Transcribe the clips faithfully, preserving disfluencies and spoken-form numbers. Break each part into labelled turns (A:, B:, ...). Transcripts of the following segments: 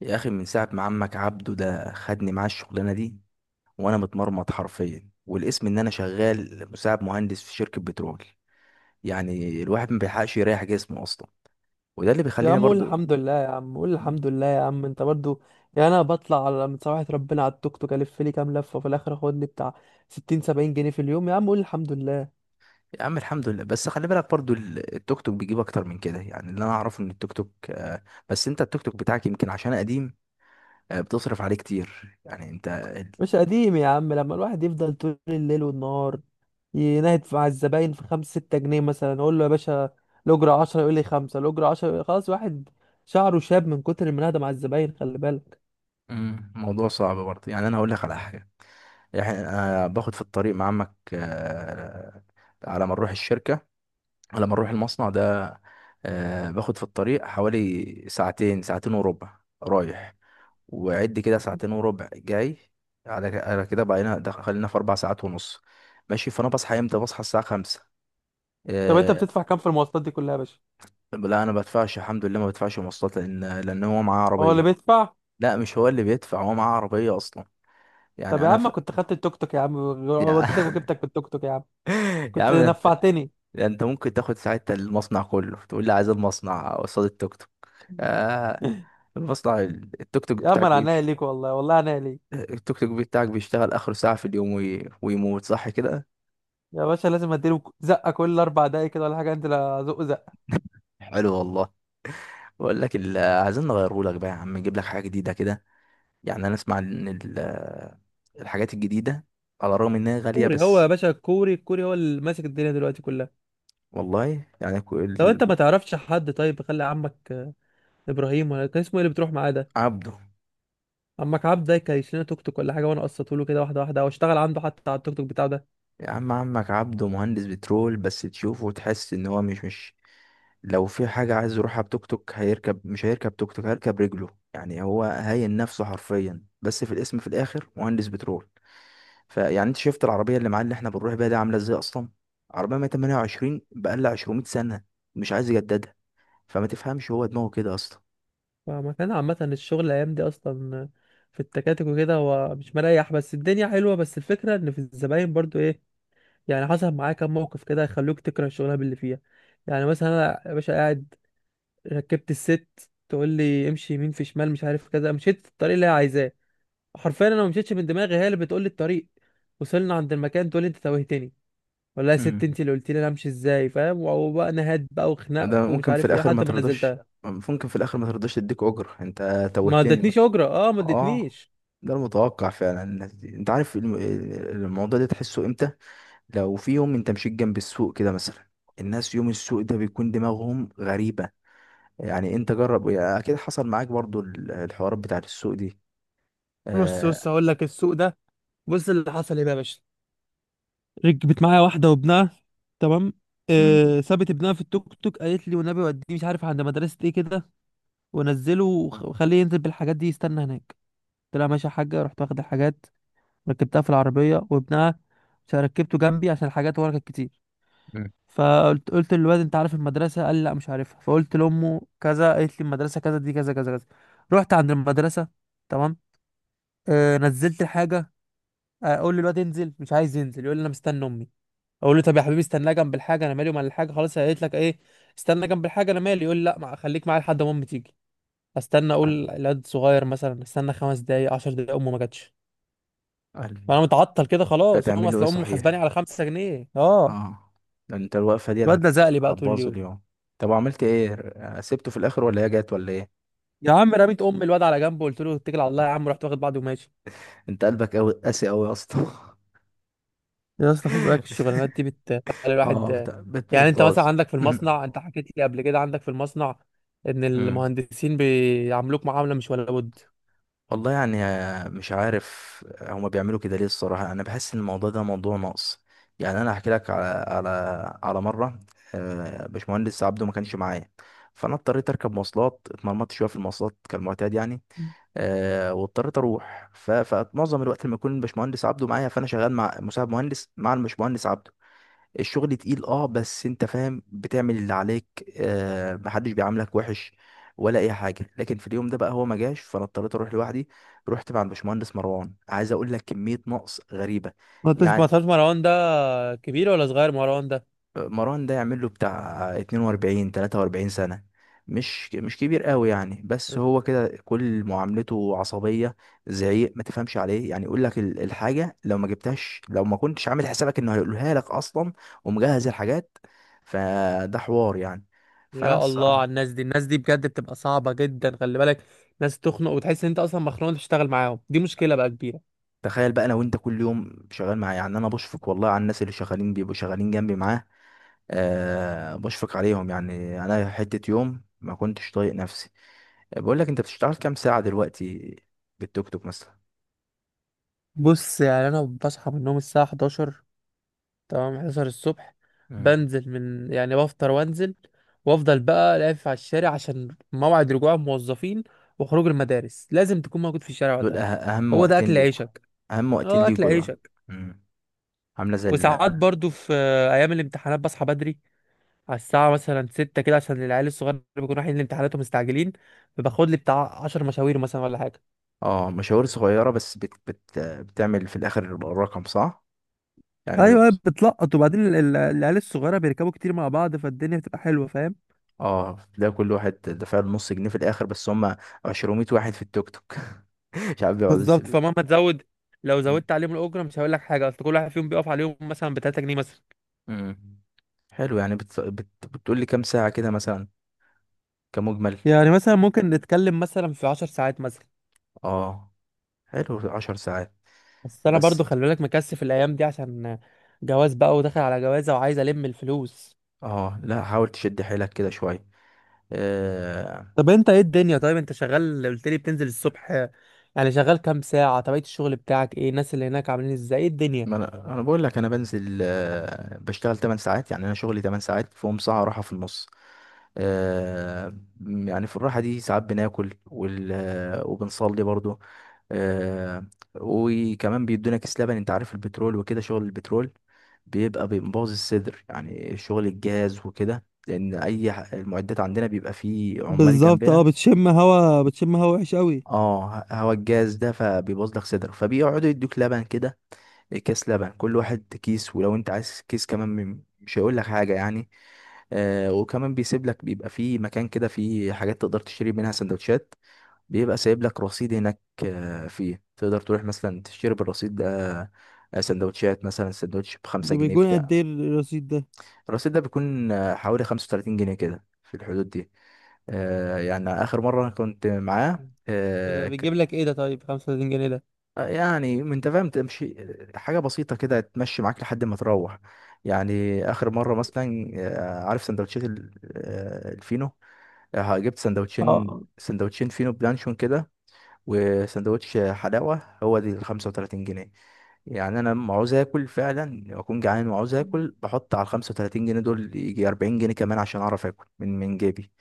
A: يا اخي، من ساعه ما عمك عبده ده خدني معاه الشغلانه دي وانا متمرمط حرفيا. والاسم ان انا شغال مساعد مهندس في شركه بترول. يعني الواحد ما بيلحقش يريح جسمه اصلا، وده اللي
B: يا
A: بيخليني
B: عم قول
A: برضو.
B: الحمد لله، يا عم قول الحمد لله يا عم انت برضو. يعني انا بطلع على من سماحة ربنا على التوك توك الف لي كام لفه وفي الاخر اخد لي بتاع ستين سبعين جنيه في اليوم، يا عم قول الحمد لله.
A: يا عم الحمد لله، بس خلي بالك برضو ال- التوك توك بيجيب اكتر من كده. يعني اللي انا اعرفه ان التوك توك آه، بس انت التوك توك بتاعك يمكن عشان قديم، آه، بتصرف عليه كتير. يعني انت ال-
B: مش قديم يا عم، لما الواحد يفضل طول الليل والنهار ينهد مع الزباين في خمسة ستة جنيه، مثلا اقول له يا باشا الاجره عشرة، يقول لي خمسة، الاجره عشرة خلاص. واحد شعره شاب من كتر المناهده مع الزباين، خلي بالك.
A: مم، الموضوع صعب برضه. يعني انا هقول لك على حاجه، يعني انا باخد في الطريق مع عمك، آه، على ما نروح الشركه، لما اروح المصنع ده آه، باخد في الطريق حوالي ساعتين، ساعتين وربع رايح، وعد كده ساعتين وربع جاي. على على كده بقينا دخ- خلينا في اربع ساعات ونص، ماشي. فانا بصحى امتى؟ بصحى الساعه خمسة.
B: طب انت
A: آه.
B: بتدفع كام في المواصلات دي كلها يا باشا؟
A: لا انا بدفعش، الحمد لله ما بدفعش مواصلات، لان لان هو معاه
B: هو اللي
A: عربيه.
B: بيدفع؟
A: لا مش هو اللي بيدفع، هو معاه عربيه اصلا.
B: طب
A: يعني
B: يا
A: انا
B: عم
A: ف...
B: كنت خدت التوك توك يا عم،
A: يا
B: وديتك وجبتك بالتوك توك يا عم،
A: يا
B: كنت
A: عم انت،
B: نفعتني.
A: انت ممكن تاخد ساعتها المصنع كله تقول لي عايز المصنع قصاد التوك توك. آه. المصنع ال- التوك توك
B: يا عم
A: بتاعك
B: انا عينيا
A: بيمشي.
B: ليك والله، والله عينيا ليك.
A: التوك توك بتاعك بيشتغل آخر ساعة في اليوم وي... ويموت، صح كده؟
B: يا باشا لازم اديله زقه كل اربع دقايق كده ولا حاجه، انت لا زق زقه.
A: حلو والله. بقول لك ال- عايزين نغيره لك بقى يا عم، نجيب لك حاجة جديدة كده. يعني أنا أسمع إن ال- الحاجات الجديدة، على الرغم إنها غالية،
B: كوري هو يا
A: بس.
B: باشا، الكوري الكوري هو اللي ماسك الدنيا دلوقتي كلها.
A: والله يعني كو-
B: طب
A: ال-
B: انت ما تعرفش حد طيب؟ خلي عمك آه، ابراهيم ولا كان اسمه ايه اللي بتروح معاه ده.
A: عبده.
B: عمك عبد ده كان يشيلنا توك توك ولا حاجه، وانا قسطته له كده واحده واحده، واشتغل عنده حتى على التوك توك بتاعه ده.
A: يا عم عمك عبده مهندس بترول، بس تشوفه وتحس ان هو مش مش لو في حاجة عايز يروحها بتوك توك هيركب، مش هيركب توك توك، هيركب رجله. يعني هو هاين نفسه حرفيا، بس في الاسم في الاخر مهندس بترول. فيعني انت شفت العربية اللي معاه اللي احنا بنروح بيها دي عاملة ازاي اصلا؟ عربية مية وتمنية وعشرين بقالها مئتين سنة، مش عايز يجددها. فما تفهمش، هو دماغه كده اصلا.
B: فما كان عامه الشغل الايام دي اصلا، آه، في التكاتك وكده هو مش مريح، بس الدنيا حلوه، بس الفكره ان في الزباين برضو ايه. يعني حصل معايا كام موقف كده يخلوك تكره الشغلانه اللي فيها. يعني مثلا انا يا باشا قاعد، ركبت الست تقول لي امشي يمين في شمال مش عارف كذا، مشيت في الطريق اللي هي عايزاه، حرفيا انا ما مشيتش من دماغي، هي اللي بتقول لي الطريق. وصلنا عند المكان تقول لي انت توهتني. والله يا ست
A: امم
B: انت اللي قلت لي انا امشي ازاي فاهم؟ وبقى نهاد بقى وخناق
A: وده
B: ومش
A: ممكن في
B: عارف ايه
A: الاخر ما
B: لحد ما
A: ترضاش،
B: نزلتها.
A: ممكن في الاخر ما ترضاش تديك اجر. انت
B: ما
A: توهتني.
B: ادتنيش اجره، اه ما
A: اه.
B: ادتنيش.
A: ده المتوقع فعلا. الناس دي انت عارف الم- الموضوع ده تحسه امتى؟ لو في يوم انت مشيت جنب السوق كده مثلا. الناس يوم السوق ده بيكون دماغهم غريبة. يعني انت جرب، يعني اكيد حصل معاك برضو ال- الحوارات بتاعت السوق دي.
B: بص بص
A: آه.
B: هقول لك السوق ده، بص اللي حصل ايه بقى يا باشا. ركبت معايا واحدة وابنها، تمام.
A: مم.
B: آه سابت ابنها في التوك توك قالت لي والنبي وديه مش عارف عند مدرسة ايه كده، ونزله وخ- وخليه ينزل بالحاجات دي يستنى هناك. قلت لها ماشي يا حاجة، رحت واخد الحاجات، ركبتها في العربية وابنها، مش ركبته جنبي عشان الحاجات ورا كانت كتير.
A: مم.
B: فقلت قلت للواد انت عارف المدرسة، قال لي لا مش عارفها، فقلت لأمه كذا قالت لي المدرسة كذا دي كذا كذا كذا. رحت عند المدرسة، تمام. آه نزلت الحاجة. آه، اقول للواد انزل، مش عايز ينزل، يقول لي انا مستني امي. اقول له طب يا حبيبي استنى جنب الحاجه، انا مالي ومال الحاجه، خلاص هي قالت لك ايه، استنى جنب الحاجه انا مالي، يقول لي لا مع- خليك معايا لحد ما امي تيجي. استنى اقول
A: ال-
B: الواد صغير مثلا، استنى خمس دقايق عشر دقايق، امه ما جاتش.
A: ال-
B: فانا متعطل كده
A: انت
B: خلاص، امي
A: هتعمل له ايه
B: اصل امه محاسباني
A: صحيح؟
B: على خمسة جنيه، اه.
A: اه. ده انت الوقفة دي هت-
B: الواد لزق لي بقى طول
A: هتبوظ
B: اليوم.
A: اليوم. طب وعملت ايه؟ سبته في الاخر ولا هي جت ولا ايه؟
B: يا عم رميت ام الواد على جنب وقلت له اتكل على الله يا عم، رحت واخد بعضي وماشي.
A: انت قلبك قوي، قاسي قوي يا اسطى.
B: يا اسطى خلي بالك الشغلانات دي بتخلي
A: اه
B: الواحد.
A: بت... بت...
B: يعني انت مثلا
A: بتبوظ.
B: عندك في المصنع، انت حكيت لي قبل كده عندك في المصنع ان
A: مم.
B: المهندسين بيعاملوك معامله مش ولا بد.
A: والله يعني آه، مش عارف هما بيعملوا كده ليه. الصراحة أنا بحس إن الموضوع ده موضوع نقص. يعني أنا هحكي لك على على على مرة، آه، باشمهندس عبده ما كانش معايا، فأنا اضطريت أركب مواصلات، اتمرمطت شوية في المواصلات كالمعتاد يعني. آه، واضطريت أروح ف- فمعظم الوقت لما يكون الباشمهندس عبده معايا، فأنا شغال مع مساعد مهندس مع الباشمهندس عبده. الشغل تقيل، اه، بس انت فاهم بتعمل اللي عليك. آه، محدش بيعاملك وحش ولا اي حاجه. لكن في اليوم ده بقى هو ما جاش، فانا اضطريت اروح لوحدي. رحت مع الباشمهندس مروان، عايز اقول لك كميه نقص غريبه.
B: ما تس- ما
A: يعني
B: تعرفش مروان ده كبير ولا صغير مروان ده؟
A: مروان ده يعمل له بتاع اتنين واربعين تلاته واربعين سنة، مش مش كبير قوي يعني، بس هو كده كل معاملته عصبية، زعيق، ما تفهمش عليه. يعني يقول لك ال- الحاجة لو ما جبتهاش، لو ما كنتش عامل حسابك انه هيقولها لك اصلا ومجهز الحاجات. فده حوار يعني، فانا
B: يا الله على
A: الصراحة.
B: الناس دي، الناس دي بجد بتبقى صعبة جدا، خلي بالك. ناس تخنق وتحس ان انت اصلا مخنوق انت بتشتغل معاهم، دي مشكلة بقى كبيرة.
A: تخيل بقى انا وانت كل يوم شغال معاه. يعني انا بشفق والله على الناس اللي شغالين، بيبقوا شغالين جنبي معاه. أه بشفق عليهم. يعني انا حتة يوم ما كنتش طايق نفسي. بقول لك، انت بتشتغل كام ساعة دلوقتي بالتوك توك مثلا؟
B: بص يعني انا بصحى من النوم الساعة احداشر تمام، حداشر الصبح.
A: مم.
B: بنزل من يعني بفطر وانزل، وافضل بقى لافف على الشارع عشان موعد رجوع الموظفين وخروج المدارس، لازم تكون موجود في الشارع
A: دول أه-
B: وقتها.
A: اهم
B: هو ده
A: وقتين
B: اكل
A: ليكوا.
B: عيشك،
A: اهم وقتين
B: اه اكل
A: ليكوا دول.
B: عيشك.
A: مم. عاملة زي
B: وساعات
A: ال-
B: برضو في آه، ايام الامتحانات بصحى بدري على الساعة مثلا ستة كده، عشان العيال الصغار اللي بيكونوا رايحين لامتحاناتهم مستعجلين، فباخد لي بتاع عشر مشاوير مثلا ولا حاجة.
A: اه مشاوير صغيرة، بس بت بت بتعمل في الاخر رقم صح. يعني ايه
B: ايوه
A: الرقم؟
B: أيوة، بتلقط، وبعدين ال- ال- العيال الصغيره بيركبوا كتير مع بعض، فالدنيا بتبقى حلوه، فاهم.
A: اه تلاقي كل واحد دفع له نص جنيه في الاخر، بس هم مئتين واحد في التوك توك. مش عارف بيقعدوا
B: بالظبط،
A: ازاي.
B: فمهما تزود، لو
A: مم.
B: زودت عليهم الأجرة مش هقول لك حاجة، أصل كل واحد فيهم بيقف عليهم مثلا بتلاتة جنيه مثلا.
A: مم. حلو. يعني بت... بت... بتقول لي كام ساعة كده مثلا، كمجمل؟
B: يعني مثلا ممكن نتكلم نتكلم مثلا في عشر ساعات مثلا.
A: اه، حلو، عشر ساعات
B: بس أنا برضو
A: بس.
B: خلي بالك مكثف الأيام دي، عشان جواز بقى وداخل على جوازة وعايز ألم الفلوس.
A: اه لا حاول تشد حيلك كده شويه. آه.
B: طب انت ايه الدنيا، طيب انت شغال، قلت لي بتنزل الصبح، يعني شغال كام ساعة، طبيعة الشغل بتاعك ايه، الناس اللي هناك عاملين ازاي، ايه الدنيا.
A: ما انا انا بقول لك، انا بنزل آه بشتغل ثماني ساعات. يعني انا شغلي ثماني ساعات فيهم ساعه راحه في النص. آه. يعني في الراحه دي ساعات بناكل وال... آه، وبنصلي برضو. آه. وكمان بيدونا كيس لبن. انت عارف البترول وكده، شغل البترول بيبقى بيبوظ الصدر. يعني شغل الجاز وكده، لان اي ح- المعدات عندنا بيبقى فيه عمال
B: بالظبط، اه
A: جنبنا.
B: بتشم هوا بتشم هوا وحش قوي.
A: اه هوا الجاز ده فبيبوظ لك صدرك، فبيقعدوا يدوك لبن كده. كيس لبن كل واحد كيس، ولو انت عايز كيس كمان م- مش هيقول لك حاجه يعني. آه وكمان بيسيب لك، بيبقى في مكان كده فيه حاجات تقدر تشتري منها سندوتشات. بيبقى سايب لك رصيد هناك آه، فيه تقدر تروح مثلا تشتري بالرصيد ده آه، سندوتشات. مثلا سندوتش بخمسة
B: ده
A: جنيه
B: بيكون قد
A: بتاع.
B: ايه الرصيد ده؟
A: الرصيد ده بيكون آه، حوالي خمسة وتلاتين جنيه كده، في الحدود دي. آه يعني آخر مرة أنا كنت معاه،
B: ده بيجيب لك ايه ده طيب خمسة وتلاتين جنيه ده؟
A: آه، يعني انت فاهم تمشي، آه، حاجه بسيطه كده تمشي معاك لحد ما تروح. يعني اخر مره مثلا آه، عارف سندوتشات ال- آه، الفينو؟ آه، جبت سندوتشين،
B: اه
A: سندوتشين فينو بلانشون كده وسندوتش حلاوه، هو دي ال خمسة وثلاثين جنيه. يعني انا لما عاوز اكل فعلا، اكون جعان وعاوز اكل، بحط على ال خمسة وتلاتين جنيه دول يجي أربعين جنيه كمان عشان اعرف اكل من من جيبي.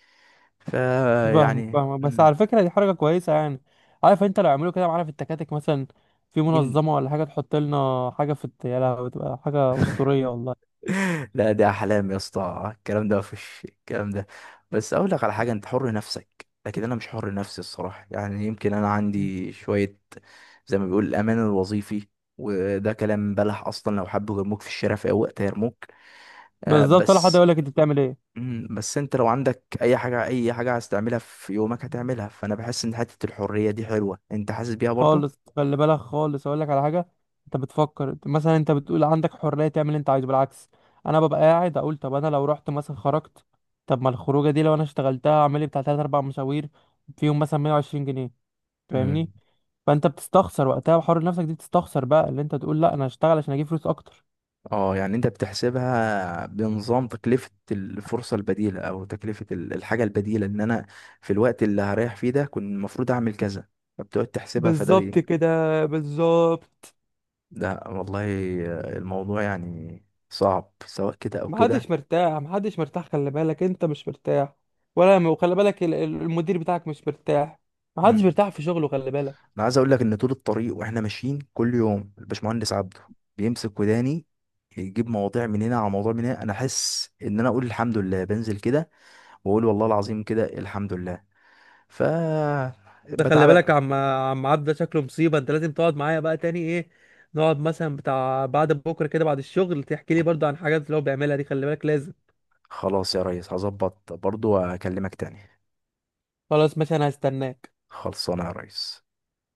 B: فاهم
A: فيعني.
B: فاهم، بس على فكرة دي حركة كويسة يعني. عارف انت لو عملوا كده معانا في التكاتك مثلا، في منظمة ولا حاجة تحط لنا حاجة في الت- يا لهوي بتبقى حاجة أسطورية والله.
A: لا ده احلام يا اسطى، الكلام ده مفيش. الكلام ده بس اقول لك على حاجه: انت حر نفسك لكن انا مش حر نفسي الصراحه. يعني يمكن انا عندي شويه زي ما بيقول الامان الوظيفي، وده كلام بلح اصلا. لو حبوا يرموك في الشارع في اي وقت هيرموك. آه
B: بالظبط، ولا حد
A: بس،
B: يقول لك انت بتعمل
A: مم، بس انت لو عندك اي حاجه اي حاجه عايز تعملها في يومك
B: ايه.
A: هتعملها، فانا بحس ان حته الحريه دي حلوه. انت حاسس بيها برضو.
B: خالص خلي بالك خالص، اقول لك على حاجه. انت بتفكر أنت- مثلا انت بتقول عندك حريه تعمل اللي انت عايزه، بالعكس. انا ببقى قاعد اقول طب انا لو رحت مثلا خرجت، طب ما الخروجه دي لو انا اشتغلتها اعمل لي بتاع تلاتة اربعة مشاوير فيهم مثلا مية وعشرين جنيه،
A: مم.
B: فاهمني. فانت بتستخسر وقتها، وحر نفسك دي بتستخسر بقى اللي انت تقول لا انا هشتغل عشان اجيب فلوس اكتر.
A: اه يعني انت بتحسبها بنظام تكلفة الفرصة البديلة، او تكلفة ال- الحاجة البديلة. ان انا في الوقت اللي هريح فيه ده كنت المفروض اعمل كذا، فبتقعد تحسبها. فده
B: بالظبط
A: بي.
B: كده، بالظبط.
A: ده والله الموضوع يعني صعب، سواء كده او
B: محدش
A: كده.
B: مرتاح محدش مرتاح، خلي بالك انت مش مرتاح، ولا وخلي بالك ال- ال- المدير بتاعك مش مرتاح. محدش
A: مم.
B: مرتاح في شغله خلي بالك.
A: انا عايز اقول لك ان طول الطريق واحنا ماشيين كل يوم الباشمهندس عبده بيمسك وداني، يجيب مواضيع من هنا على مواضيع من هنا. انا احس ان انا اقول الحمد لله بنزل كده، واقول والله العظيم كده الحمد لله. ف
B: ده خلي بالك
A: بتعالى.
B: عم عم عبد ده شكله مصيبه، انت لازم تقعد معايا بقى تاني ايه. نقعد مثلا بتاع بعد بكره كده بعد الشغل تحكي لي برضه عن حاجات اللي هو بيعملها دي، خلي بالك لازم.
A: خلاص يا ريس، هظبط برضو واكلمك تاني.
B: خلاص ماشي انا هستناك.
A: خلصانه يا ريس.